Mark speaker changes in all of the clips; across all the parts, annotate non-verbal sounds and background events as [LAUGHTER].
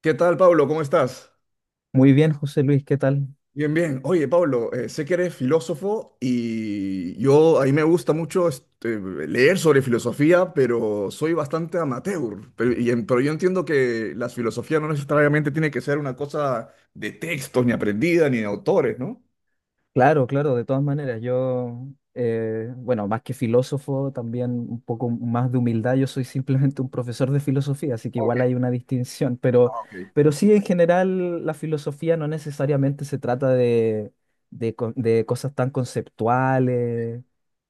Speaker 1: ¿Qué tal, Pablo? ¿Cómo estás?
Speaker 2: Muy bien, José Luis, ¿qué tal?
Speaker 1: Bien, bien. Oye, Pablo, sé que eres filósofo y a mí me gusta mucho leer sobre filosofía, pero soy bastante amateur. Pero yo entiendo que la filosofía no necesariamente tiene que ser una cosa de textos, ni aprendida, ni de autores, ¿no?
Speaker 2: Claro, claro, de todas maneras, yo, bueno, más que filósofo, también un poco más de humildad, yo soy simplemente un profesor de filosofía, así que
Speaker 1: Ok,
Speaker 2: igual hay una distinción, pero,
Speaker 1: ah, ok.
Speaker 2: pero sí, en general, la filosofía no necesariamente se trata de cosas tan conceptuales,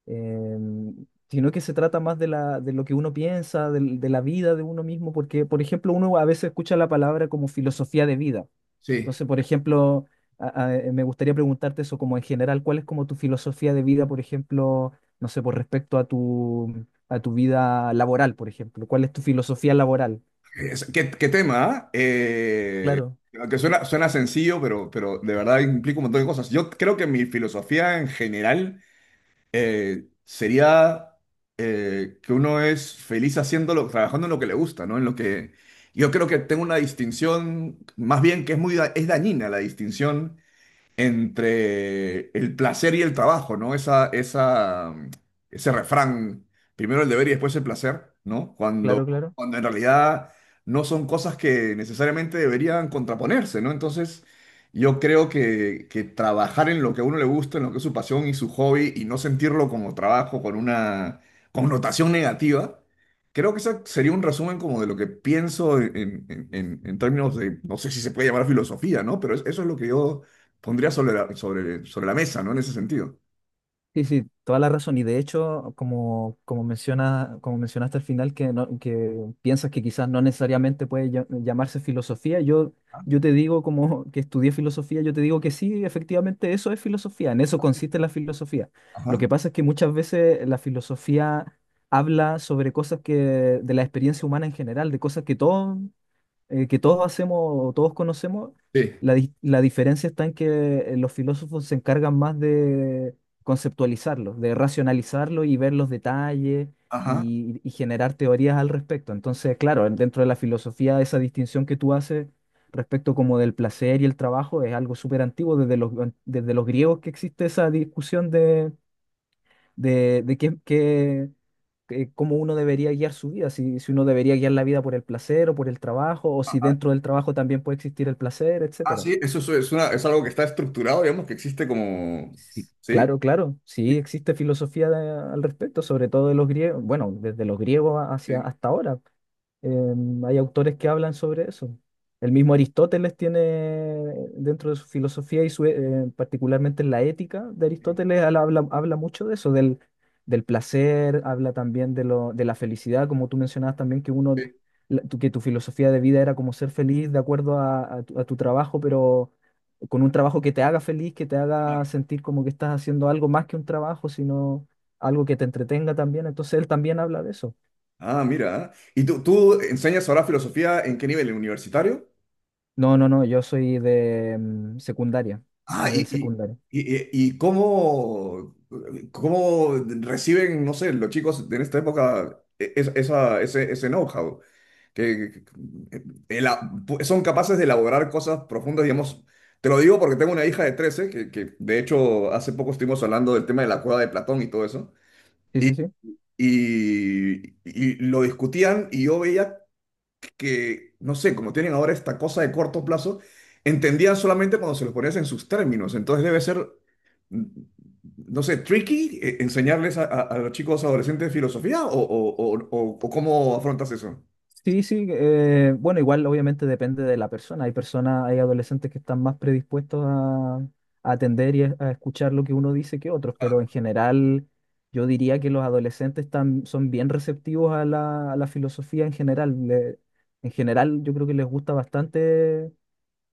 Speaker 2: sino que se trata más de, de lo que uno piensa, de la vida de uno mismo, porque, por ejemplo, uno a veces escucha la palabra como filosofía de vida.
Speaker 1: Sí.
Speaker 2: Entonces, por ejemplo, me gustaría preguntarte eso como en general, ¿cuál es como tu filosofía de vida, por ejemplo, no sé, por respecto a tu vida laboral, por ejemplo? ¿Cuál es tu filosofía laboral?
Speaker 1: ¿Qué, qué tema? ¿Ah?
Speaker 2: Claro,
Speaker 1: Aunque suena sencillo, pero de verdad implica un montón de cosas. Yo creo que mi filosofía en general sería que uno es feliz haciéndolo, trabajando en lo que le gusta, ¿no? En lo que yo creo que tengo una distinción, más bien que es es dañina la distinción entre el placer y el trabajo, ¿no? Ese refrán, primero el deber y después el placer, ¿no?
Speaker 2: claro, claro.
Speaker 1: Cuando en realidad no son cosas que necesariamente deberían contraponerse, ¿no? Entonces, yo creo que trabajar en lo que a uno le gusta, en lo que es su pasión y su hobby, y no sentirlo como trabajo con una connotación negativa. Creo que ese sería un resumen como de lo que pienso en términos de, no sé si se puede llamar filosofía, ¿no? Eso es lo que yo pondría sobre sobre la mesa, ¿no? En ese sentido.
Speaker 2: Sí, sí, toda la razón. Y de hecho, como, como mencionaste al final, que piensas que quizás no necesariamente puede llamarse filosofía, yo,
Speaker 1: Ah,
Speaker 2: yo te digo como que estudié filosofía, yo te digo que sí, efectivamente eso es filosofía, en eso
Speaker 1: sí.
Speaker 2: consiste la filosofía. Lo
Speaker 1: Ajá.
Speaker 2: que pasa es que muchas veces la filosofía habla sobre cosas que, de la experiencia humana en general, de cosas que todos hacemos, todos conocemos,
Speaker 1: Sí.
Speaker 2: la diferencia está en que los filósofos se encargan más de conceptualizarlo, de racionalizarlo y ver los detalles
Speaker 1: Ajá.
Speaker 2: y generar teorías al respecto. Entonces, claro, dentro de la filosofía, esa distinción que tú haces respecto como del placer y el trabajo es algo súper antiguo, desde los griegos que existe esa discusión de, cómo uno debería guiar su vida, si uno debería guiar la vida por el placer o por el trabajo, o si dentro del trabajo también puede existir el placer,
Speaker 1: Ah,
Speaker 2: etcétera.
Speaker 1: sí, es una- es algo que está estructurado, digamos, que existe como...
Speaker 2: Sí,
Speaker 1: ¿Sí?
Speaker 2: claro, claro,
Speaker 1: Sí,
Speaker 2: sí existe filosofía al respecto, sobre todo de los griegos, bueno, desde los griegos hacia
Speaker 1: sí,
Speaker 2: hasta ahora. Hay autores que hablan sobre eso. El mismo Aristóteles tiene dentro de su filosofía y su, particularmente en la ética de Aristóteles, habla mucho de eso, del placer, habla también de la felicidad, como tú mencionabas también que uno,
Speaker 1: sí,
Speaker 2: que tu filosofía de vida era como ser feliz de acuerdo a, a tu trabajo, pero con un trabajo que te haga feliz, que te haga
Speaker 1: claro.
Speaker 2: sentir como que estás haciendo algo más que un trabajo, sino algo que te entretenga también. Entonces él también habla de eso.
Speaker 1: Ah, mira. ¿Y tú enseñas ahora filosofía en qué nivel? ¿En universitario?
Speaker 2: No, no, no, yo soy de secundaria,
Speaker 1: Ah, y,
Speaker 2: nivel
Speaker 1: y,
Speaker 2: secundario.
Speaker 1: ¿Cómo, cómo reciben, no sé, los chicos en esta época ese know-how? que, que- que- ela- ¿Son capaces de elaborar cosas profundas, digamos? Te lo digo porque tengo una hija de 13 que de hecho hace poco estuvimos hablando del tema de la cueva de Platón y todo eso,
Speaker 2: Sí,
Speaker 1: y,
Speaker 2: sí, sí.
Speaker 1: y lo discutían y yo veía que, no sé, como tienen ahora esta cosa de corto plazo, entendían solamente cuando se los ponías en sus términos, entonces debe ser, mm, no sé, tricky, enseñarles a los chicos adolescentes filosofía o cómo afrontas eso.
Speaker 2: Sí, sí, bueno, igual obviamente depende de la persona. Hay personas, hay adolescentes que están más predispuestos a atender y a escuchar lo que uno dice que otros, pero en general yo diría que los adolescentes están, son bien receptivos a la filosofía en general. En general yo creo que les gusta bastante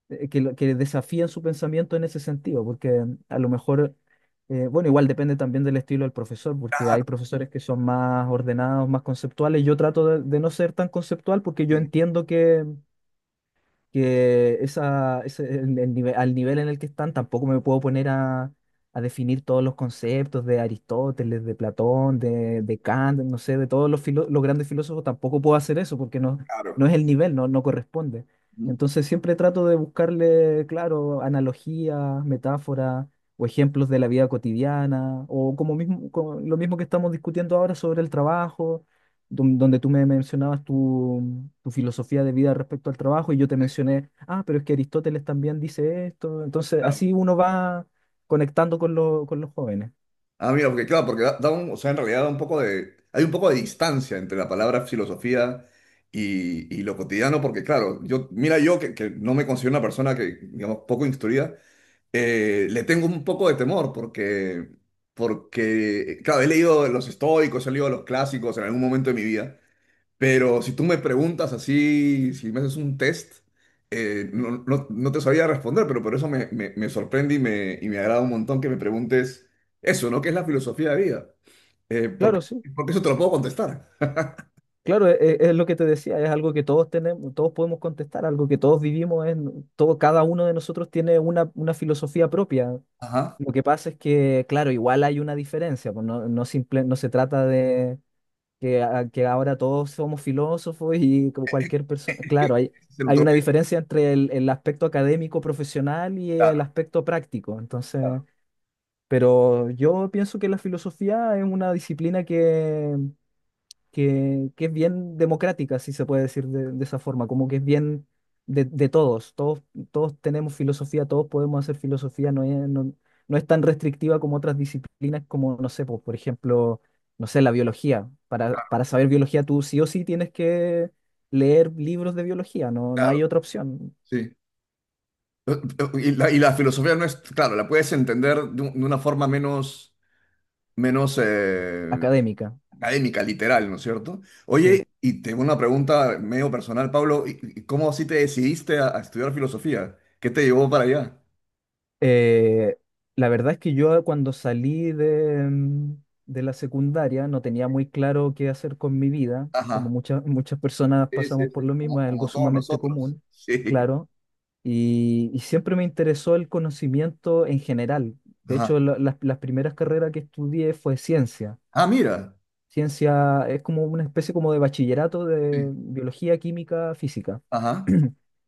Speaker 2: que desafían su pensamiento en ese sentido, porque a lo mejor, bueno, igual depende también del estilo del profesor, porque
Speaker 1: Ah.
Speaker 2: hay profesores que son más ordenados, más conceptuales. Yo trato de no ser tan conceptual porque yo
Speaker 1: Sí,
Speaker 2: entiendo que esa, ese- el nive- al nivel en el que están, tampoco me puedo poner a definir todos los conceptos de Aristóteles, de Platón, de Kant, no sé, de todos los, los grandes filósofos, tampoco puedo hacer eso porque no,
Speaker 1: claro.
Speaker 2: no es el nivel, no corresponde. Entonces siempre trato de buscarle, claro, analogías, metáforas o ejemplos de la vida cotidiana, o como mismo, como lo mismo que estamos discutiendo ahora sobre el trabajo donde tú me mencionabas tu, tu filosofía de vida respecto al trabajo y yo te mencioné, ah, pero es que Aristóteles también dice esto. Entonces,
Speaker 1: Claro.
Speaker 2: así uno va conectando con, con los jóvenes.
Speaker 1: Ah, mira, porque claro, porque da un, o sea, en realidad da un poco de, hay un poco de distancia entre la palabra filosofía y lo cotidiano, porque claro, yo, mira, yo que no me considero una persona que, digamos, poco instruida, le tengo un poco de temor, porque, porque, claro, he leído los estoicos, he leído los clásicos en algún momento de mi vida. Pero si tú me preguntas así, si me haces un test, no te sabía responder, pero por eso me sorprende y y me agrada un montón que me preguntes eso, ¿no? ¿Qué es la filosofía de vida? Eh, porque,
Speaker 2: Claro, sí.
Speaker 1: Porque eso te lo puedo contestar. [LAUGHS]
Speaker 2: Claro, es, lo que te decía, es algo que todos tenemos, todos podemos contestar, algo que todos vivimos, es, todo, cada uno de nosotros tiene una filosofía propia.
Speaker 1: Ajá.
Speaker 2: Lo que pasa es que, claro, igual hay una diferencia, pues no simple, no se trata de, que ahora todos somos filósofos y como cualquier persona.
Speaker 1: Es que
Speaker 2: Claro, hay,
Speaker 1: se lo
Speaker 2: hay
Speaker 1: tomé,
Speaker 2: una diferencia entre el aspecto académico profesional y
Speaker 1: claro,
Speaker 2: el aspecto práctico. Entonces,
Speaker 1: claro,
Speaker 2: pero yo pienso que la filosofía es una disciplina que es bien democrática, si se puede decir de esa forma, como que es bien de, de todos, tenemos filosofía, todos podemos hacer filosofía, no es tan restrictiva como otras disciplinas, como, no sé, pues, por ejemplo, no sé, la biología. Para saber biología, tú sí o sí tienes que leer libros de biología, no hay
Speaker 1: claro,
Speaker 2: otra opción
Speaker 1: sí. Y la filosofía no es, claro, la puedes entender de, de una forma menos, menos,
Speaker 2: académica.
Speaker 1: académica, literal, ¿no es cierto?
Speaker 2: Sí.
Speaker 1: Oye, y tengo una pregunta medio personal, Pablo, ¿cómo así te decidiste a estudiar filosofía? ¿Qué te llevó para allá?
Speaker 2: Eh, la verdad es que yo cuando salí de la secundaria no tenía muy claro qué hacer con mi vida, como
Speaker 1: Ajá.
Speaker 2: muchas personas
Speaker 1: Sí, sí,
Speaker 2: pasamos por lo
Speaker 1: sí,
Speaker 2: mismo,
Speaker 1: como,
Speaker 2: es algo
Speaker 1: como todos
Speaker 2: sumamente
Speaker 1: nosotros.
Speaker 2: común,
Speaker 1: Sí.
Speaker 2: claro, y siempre me interesó el conocimiento en general. De
Speaker 1: Ajá.
Speaker 2: hecho, las primeras carreras que estudié fue ciencia.
Speaker 1: Ah, mira.
Speaker 2: Ciencia es como una especie como de bachillerato de
Speaker 1: Sí.
Speaker 2: biología, química, física.
Speaker 1: Ajá.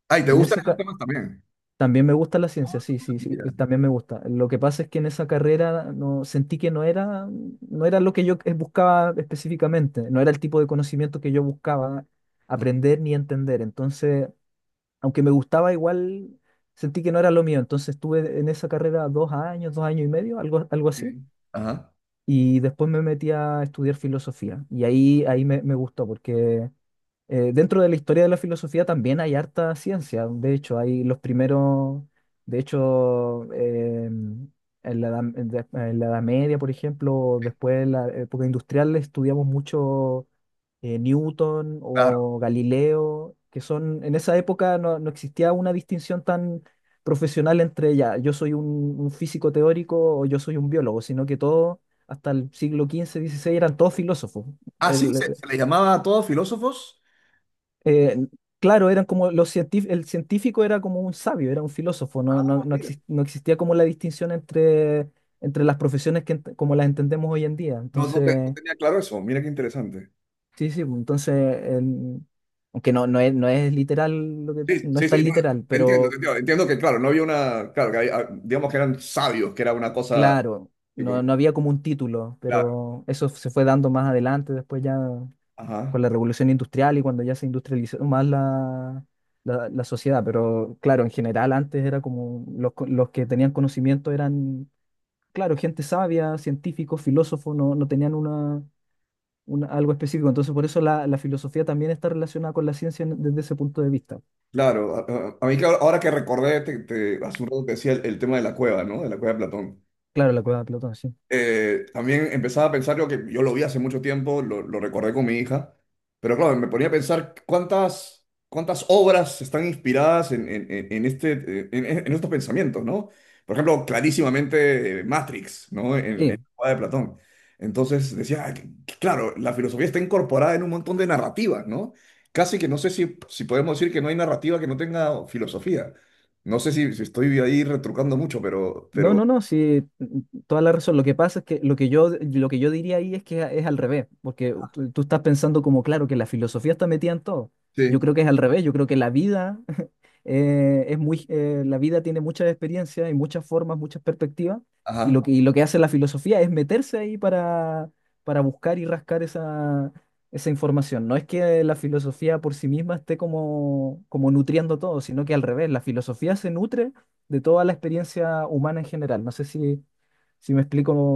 Speaker 1: Ah, ¿y te
Speaker 2: Y en
Speaker 1: gustan
Speaker 2: ese,
Speaker 1: esos
Speaker 2: ca-
Speaker 1: temas también?
Speaker 2: También me gusta la
Speaker 1: Ah,
Speaker 2: ciencia, sí, sí, sí,
Speaker 1: mira.
Speaker 2: también me gusta. Lo que pasa es que en esa carrera sentí que no era lo que yo buscaba específicamente, no era el tipo de conocimiento que yo buscaba aprender ni entender. Entonces, aunque me gustaba igual, sentí que no era lo mío. Entonces estuve en esa carrera dos años y medio, algo, algo
Speaker 1: Sí.
Speaker 2: así.
Speaker 1: Ajá.
Speaker 2: Y después me metí a estudiar filosofía. Y ahí me gustó, porque dentro de la historia de la filosofía también hay harta ciencia. De hecho, hay los primeros, de hecho, en la Edad Media, por ejemplo, después en la época industrial, estudiamos mucho Newton
Speaker 1: Claro.
Speaker 2: o Galileo, que son, en esa época no existía una distinción tan profesional entre ya, yo soy un físico teórico o yo soy un biólogo, sino que todos hasta el siglo XV, XVI, eran todos filósofos.
Speaker 1: Ah, sí,
Speaker 2: El-
Speaker 1: se les llamaba a todos filósofos.
Speaker 2: eh, claro, eran como los el científico era como un sabio, era un filósofo, no, no,
Speaker 1: Ah,
Speaker 2: no
Speaker 1: mira.
Speaker 2: exis- no existía como la distinción entre, entre las profesiones que como las entendemos hoy en día.
Speaker 1: No
Speaker 2: Entonces,
Speaker 1: tenía claro eso. Mira qué interesante.
Speaker 2: sí, sí, pues, entonces, el- aunque no, no es literal, lo que,
Speaker 1: Sí,
Speaker 2: no es
Speaker 1: sí, sí,
Speaker 2: tan
Speaker 1: no,
Speaker 2: literal,
Speaker 1: te entiendo, te
Speaker 2: pero
Speaker 1: entiendo. Entiendo que, claro, no había una, claro, digamos que eran sabios, que era una cosa,
Speaker 2: claro,
Speaker 1: que como-
Speaker 2: no, no había como un título,
Speaker 1: claro,
Speaker 2: pero eso se fue dando más adelante, después ya.
Speaker 1: ajá,
Speaker 2: Con la revolución industrial y cuando ya se industrializó más la, la sociedad. Pero claro, en general antes era como los, los que tenían conocimiento eran, claro, gente sabia, científicos, filósofos, no tenían una, algo específico. Entonces por eso la, la filosofía también está relacionada con la ciencia desde ese punto de vista.
Speaker 1: claro. A, a mí, claro, ahora que recordé, hace un rato te decía el tema de la cueva, ¿no? De la cueva de Platón.
Speaker 2: Claro, la cueva de Platón, sí.
Speaker 1: También empezaba a pensar yo que yo lo vi hace mucho tiempo, lo recordé con mi hija, pero claro, me ponía a pensar cuántas obras están inspiradas en este, en estos pensamientos, ¿no? Por ejemplo, clarísimamente, Matrix, ¿no? En la
Speaker 2: Sí.
Speaker 1: obra de Platón. Entonces decía, ah, que claro, la filosofía está incorporada en un montón de narrativas, ¿no? Casi que no sé si podemos decir que no hay narrativa que no tenga filosofía. No sé si estoy ahí retrucando mucho,
Speaker 2: No,
Speaker 1: pero...
Speaker 2: no, no, sí, toda la razón. Lo que pasa es que lo que yo diría ahí es que es al revés, porque tú estás pensando como, claro, que la filosofía está metida en todo. Yo
Speaker 1: Sí.
Speaker 2: creo que es al revés, yo creo que la vida es muy, la vida tiene muchas experiencias y muchas formas, muchas perspectivas, y lo que hace la filosofía es meterse ahí para buscar y rascar esa, esa información. No es que la filosofía por sí misma esté como, como nutriendo todo, sino que al revés, la filosofía se nutre de toda la experiencia humana en general. No sé si me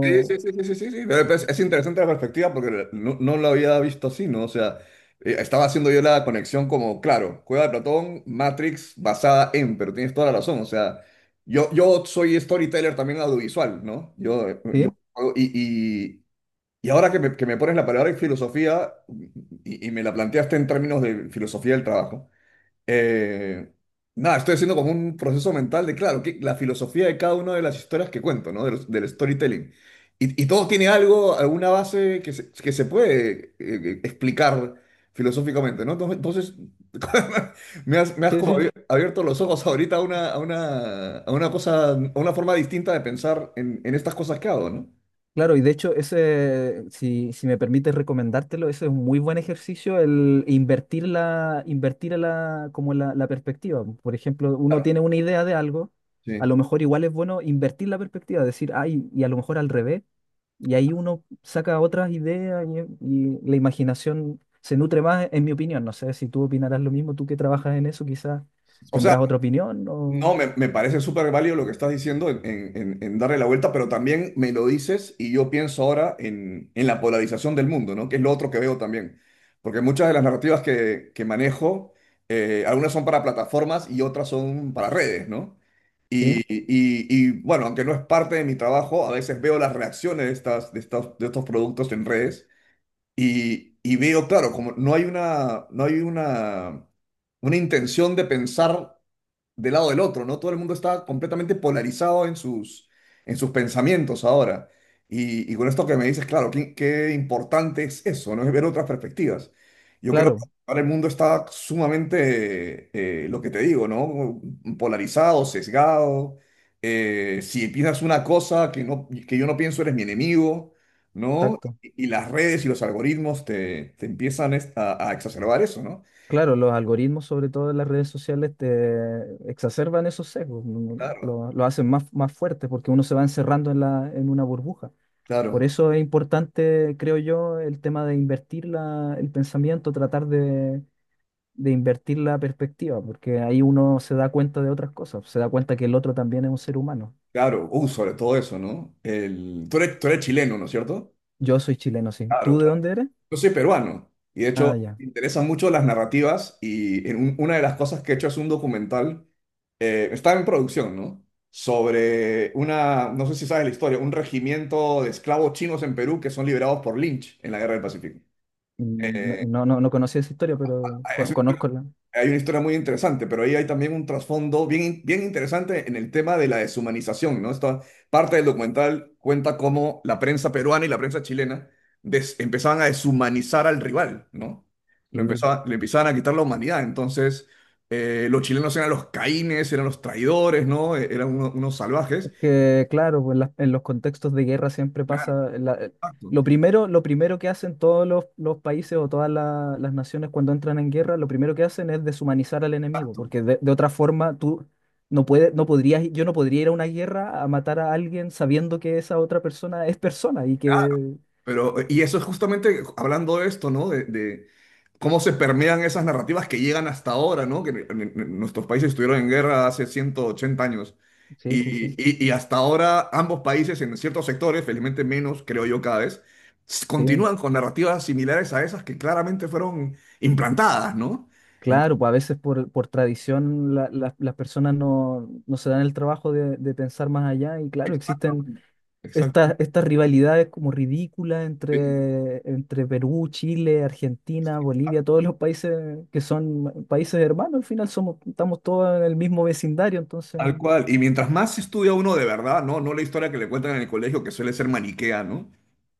Speaker 1: Sí, sí, sí, sí, sí, sí, sí. Pero, pues, es interesante la perspectiva porque no, no lo había visto así, ¿no? O sea, estaba haciendo yo la conexión como, claro, Cueva de Platón, Matrix basada en, pero tienes toda la razón, o sea, yo soy storyteller también audiovisual, ¿no? Yo,
Speaker 2: ¿Sí?
Speaker 1: y, y, y ahora que que me pones la palabra en filosofía y me la planteaste en términos de filosofía del trabajo. Eh, Nada, estoy haciendo como un proceso mental de, claro, que la filosofía de cada una de las historias que cuento, ¿no? Del storytelling. Y todo tiene algo, alguna base que se puede, explicar filosóficamente, ¿no? Entonces, [LAUGHS] me has
Speaker 2: Sí,
Speaker 1: como
Speaker 2: sí.
Speaker 1: abierto los ojos ahorita a una, a una, a una cosa, a una forma distinta de pensar en estas cosas que hago, ¿no?
Speaker 2: Claro, y de hecho, ese, si me permites recomendártelo, ese es un muy buen ejercicio, el invertir la, invertir la perspectiva. Por ejemplo, uno tiene una idea de algo, a
Speaker 1: Sí.
Speaker 2: lo mejor igual es bueno invertir la perspectiva, decir, ay, y a lo mejor al revés, y ahí uno saca otras ideas y, y la imaginación se nutre más, en mi opinión. No sé si tú opinarás lo mismo, tú que trabajas en eso, quizás
Speaker 1: O
Speaker 2: tendrás
Speaker 1: sea,
Speaker 2: otra opinión,
Speaker 1: no,
Speaker 2: o...
Speaker 1: me parece súper válido lo que estás diciendo en, en darle la vuelta, pero también me lo dices y yo pienso ahora en la polarización del mundo, ¿no? Que es lo otro que veo también. Porque muchas de las narrativas que manejo, algunas son para plataformas y otras son para redes, ¿no?
Speaker 2: Sí,
Speaker 1: Y, bueno, aunque no es parte de mi trabajo, a veces veo las reacciones de estas, de estos productos en redes y veo, claro, como no hay una, no hay una intención de pensar del lado del otro, ¿no? Todo el mundo está completamente polarizado en sus pensamientos ahora. Y con esto que me dices, claro, qué, qué importante es eso, ¿no? Es ver otras perspectivas. Yo creo que
Speaker 2: claro,
Speaker 1: ahora el mundo está sumamente, lo que te digo, ¿no? Polarizado, sesgado. Si piensas una cosa que yo no pienso, eres mi enemigo, ¿no?
Speaker 2: exacto.
Speaker 1: Y las redes y los algoritmos te empiezan a exacerbar eso, ¿no?
Speaker 2: Claro, los algoritmos, sobre todo en las redes sociales, te exacerban esos sesgos, no-
Speaker 1: Claro.
Speaker 2: no- lo, lo hacen más fuerte porque uno se va encerrando en la, en una burbuja. Por
Speaker 1: Claro.
Speaker 2: eso es importante, creo yo, el tema de invertir el pensamiento, tratar de invertir la perspectiva, porque ahí uno se da cuenta de otras cosas, se da cuenta que el otro también es un ser humano.
Speaker 1: Claro, sobre todo eso, ¿no? El, tú eres chileno, ¿no es cierto?
Speaker 2: Yo soy chileno, sí.
Speaker 1: Claro,
Speaker 2: ¿Tú de
Speaker 1: claro.
Speaker 2: dónde eres?
Speaker 1: Yo soy peruano y de hecho
Speaker 2: Ah, ya.
Speaker 1: me interesan mucho las narrativas y una de las cosas que he hecho es un documental, está en producción, ¿no? Sobre una, no sé si sabes la historia, un regimiento de esclavos chinos en Perú que son liberados por Lynch en la Guerra del Pacífico.
Speaker 2: Mm, no, no, no, no conocí esa historia, pero
Speaker 1: Ah, es una historia.
Speaker 2: conozco la...
Speaker 1: Hay una historia muy interesante, pero ahí hay también un trasfondo bien, bien interesante en el tema de la deshumanización, ¿no? Esta parte del documental cuenta cómo la prensa peruana y la prensa chilena empezaban a deshumanizar al rival, ¿no?
Speaker 2: Sí.
Speaker 1: Le empezaban a quitar la humanidad. Entonces, los chilenos eran los caínes, eran los traidores, ¿no? Eran unos salvajes.
Speaker 2: Es que, claro, pues, en los contextos de guerra siempre
Speaker 1: Claro,
Speaker 2: pasa.
Speaker 1: exacto,
Speaker 2: Lo primero, lo primero que hacen todos los países o todas las naciones cuando entran en guerra, lo primero que hacen es deshumanizar al enemigo,
Speaker 1: exacto.
Speaker 2: porque de otra forma tú no puedes, no podrías, yo no podría ir a una guerra a matar a alguien sabiendo que esa otra persona es persona y que
Speaker 1: Pero, y eso es justamente hablando de esto, ¿no? De cómo se permean esas narrativas que llegan hasta ahora, ¿no? En nuestros países estuvieron en guerra hace 180 años.
Speaker 2: Sí, sí, sí,
Speaker 1: Y hasta ahora ambos países en ciertos sectores, felizmente menos, creo yo cada vez,
Speaker 2: sí.
Speaker 1: continúan con narrativas similares a esas que claramente fueron implantadas, ¿no? En-
Speaker 2: Claro, pues a veces por tradición las personas no se dan el trabajo de pensar más allá y claro, existen
Speaker 1: Exactamente.
Speaker 2: estas
Speaker 1: Exactamente.
Speaker 2: estas rivalidades como ridículas
Speaker 1: Sí.
Speaker 2: entre, entre Perú, Chile, Argentina, Bolivia, todos los países que son países hermanos, al final somos, estamos todos en el mismo vecindario, entonces
Speaker 1: Tal cual. Y mientras más estudia uno de verdad, ¿no? No la historia que le cuentan en el colegio, que suele ser maniquea, ¿no?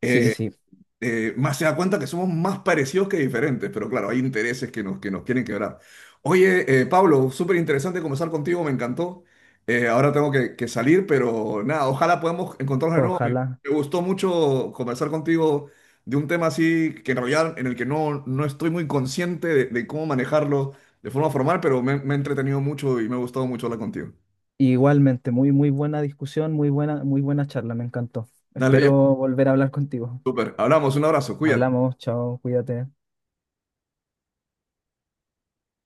Speaker 2: sí,
Speaker 1: Eh,
Speaker 2: sí,
Speaker 1: más se da cuenta que somos más parecidos que diferentes, pero claro, hay intereses que nos quieren quebrar. Oye, Pablo, súper interesante conversar contigo, me encantó. Ahora tengo que salir, pero nada, ojalá podamos encontrarnos de nuevo.
Speaker 2: ojalá.
Speaker 1: Me gustó mucho conversar contigo de un tema así que en realidad en el que no, no estoy muy consciente de cómo manejarlo de forma formal, pero me he entretenido mucho y me ha gustado mucho hablar contigo.
Speaker 2: Igualmente, muy, muy buena discusión, muy buena charla, me encantó.
Speaker 1: Dale,
Speaker 2: Espero
Speaker 1: viejo,
Speaker 2: volver a hablar contigo.
Speaker 1: súper. Hablamos, un abrazo, cuídate.
Speaker 2: Hablamos, chao, cuídate.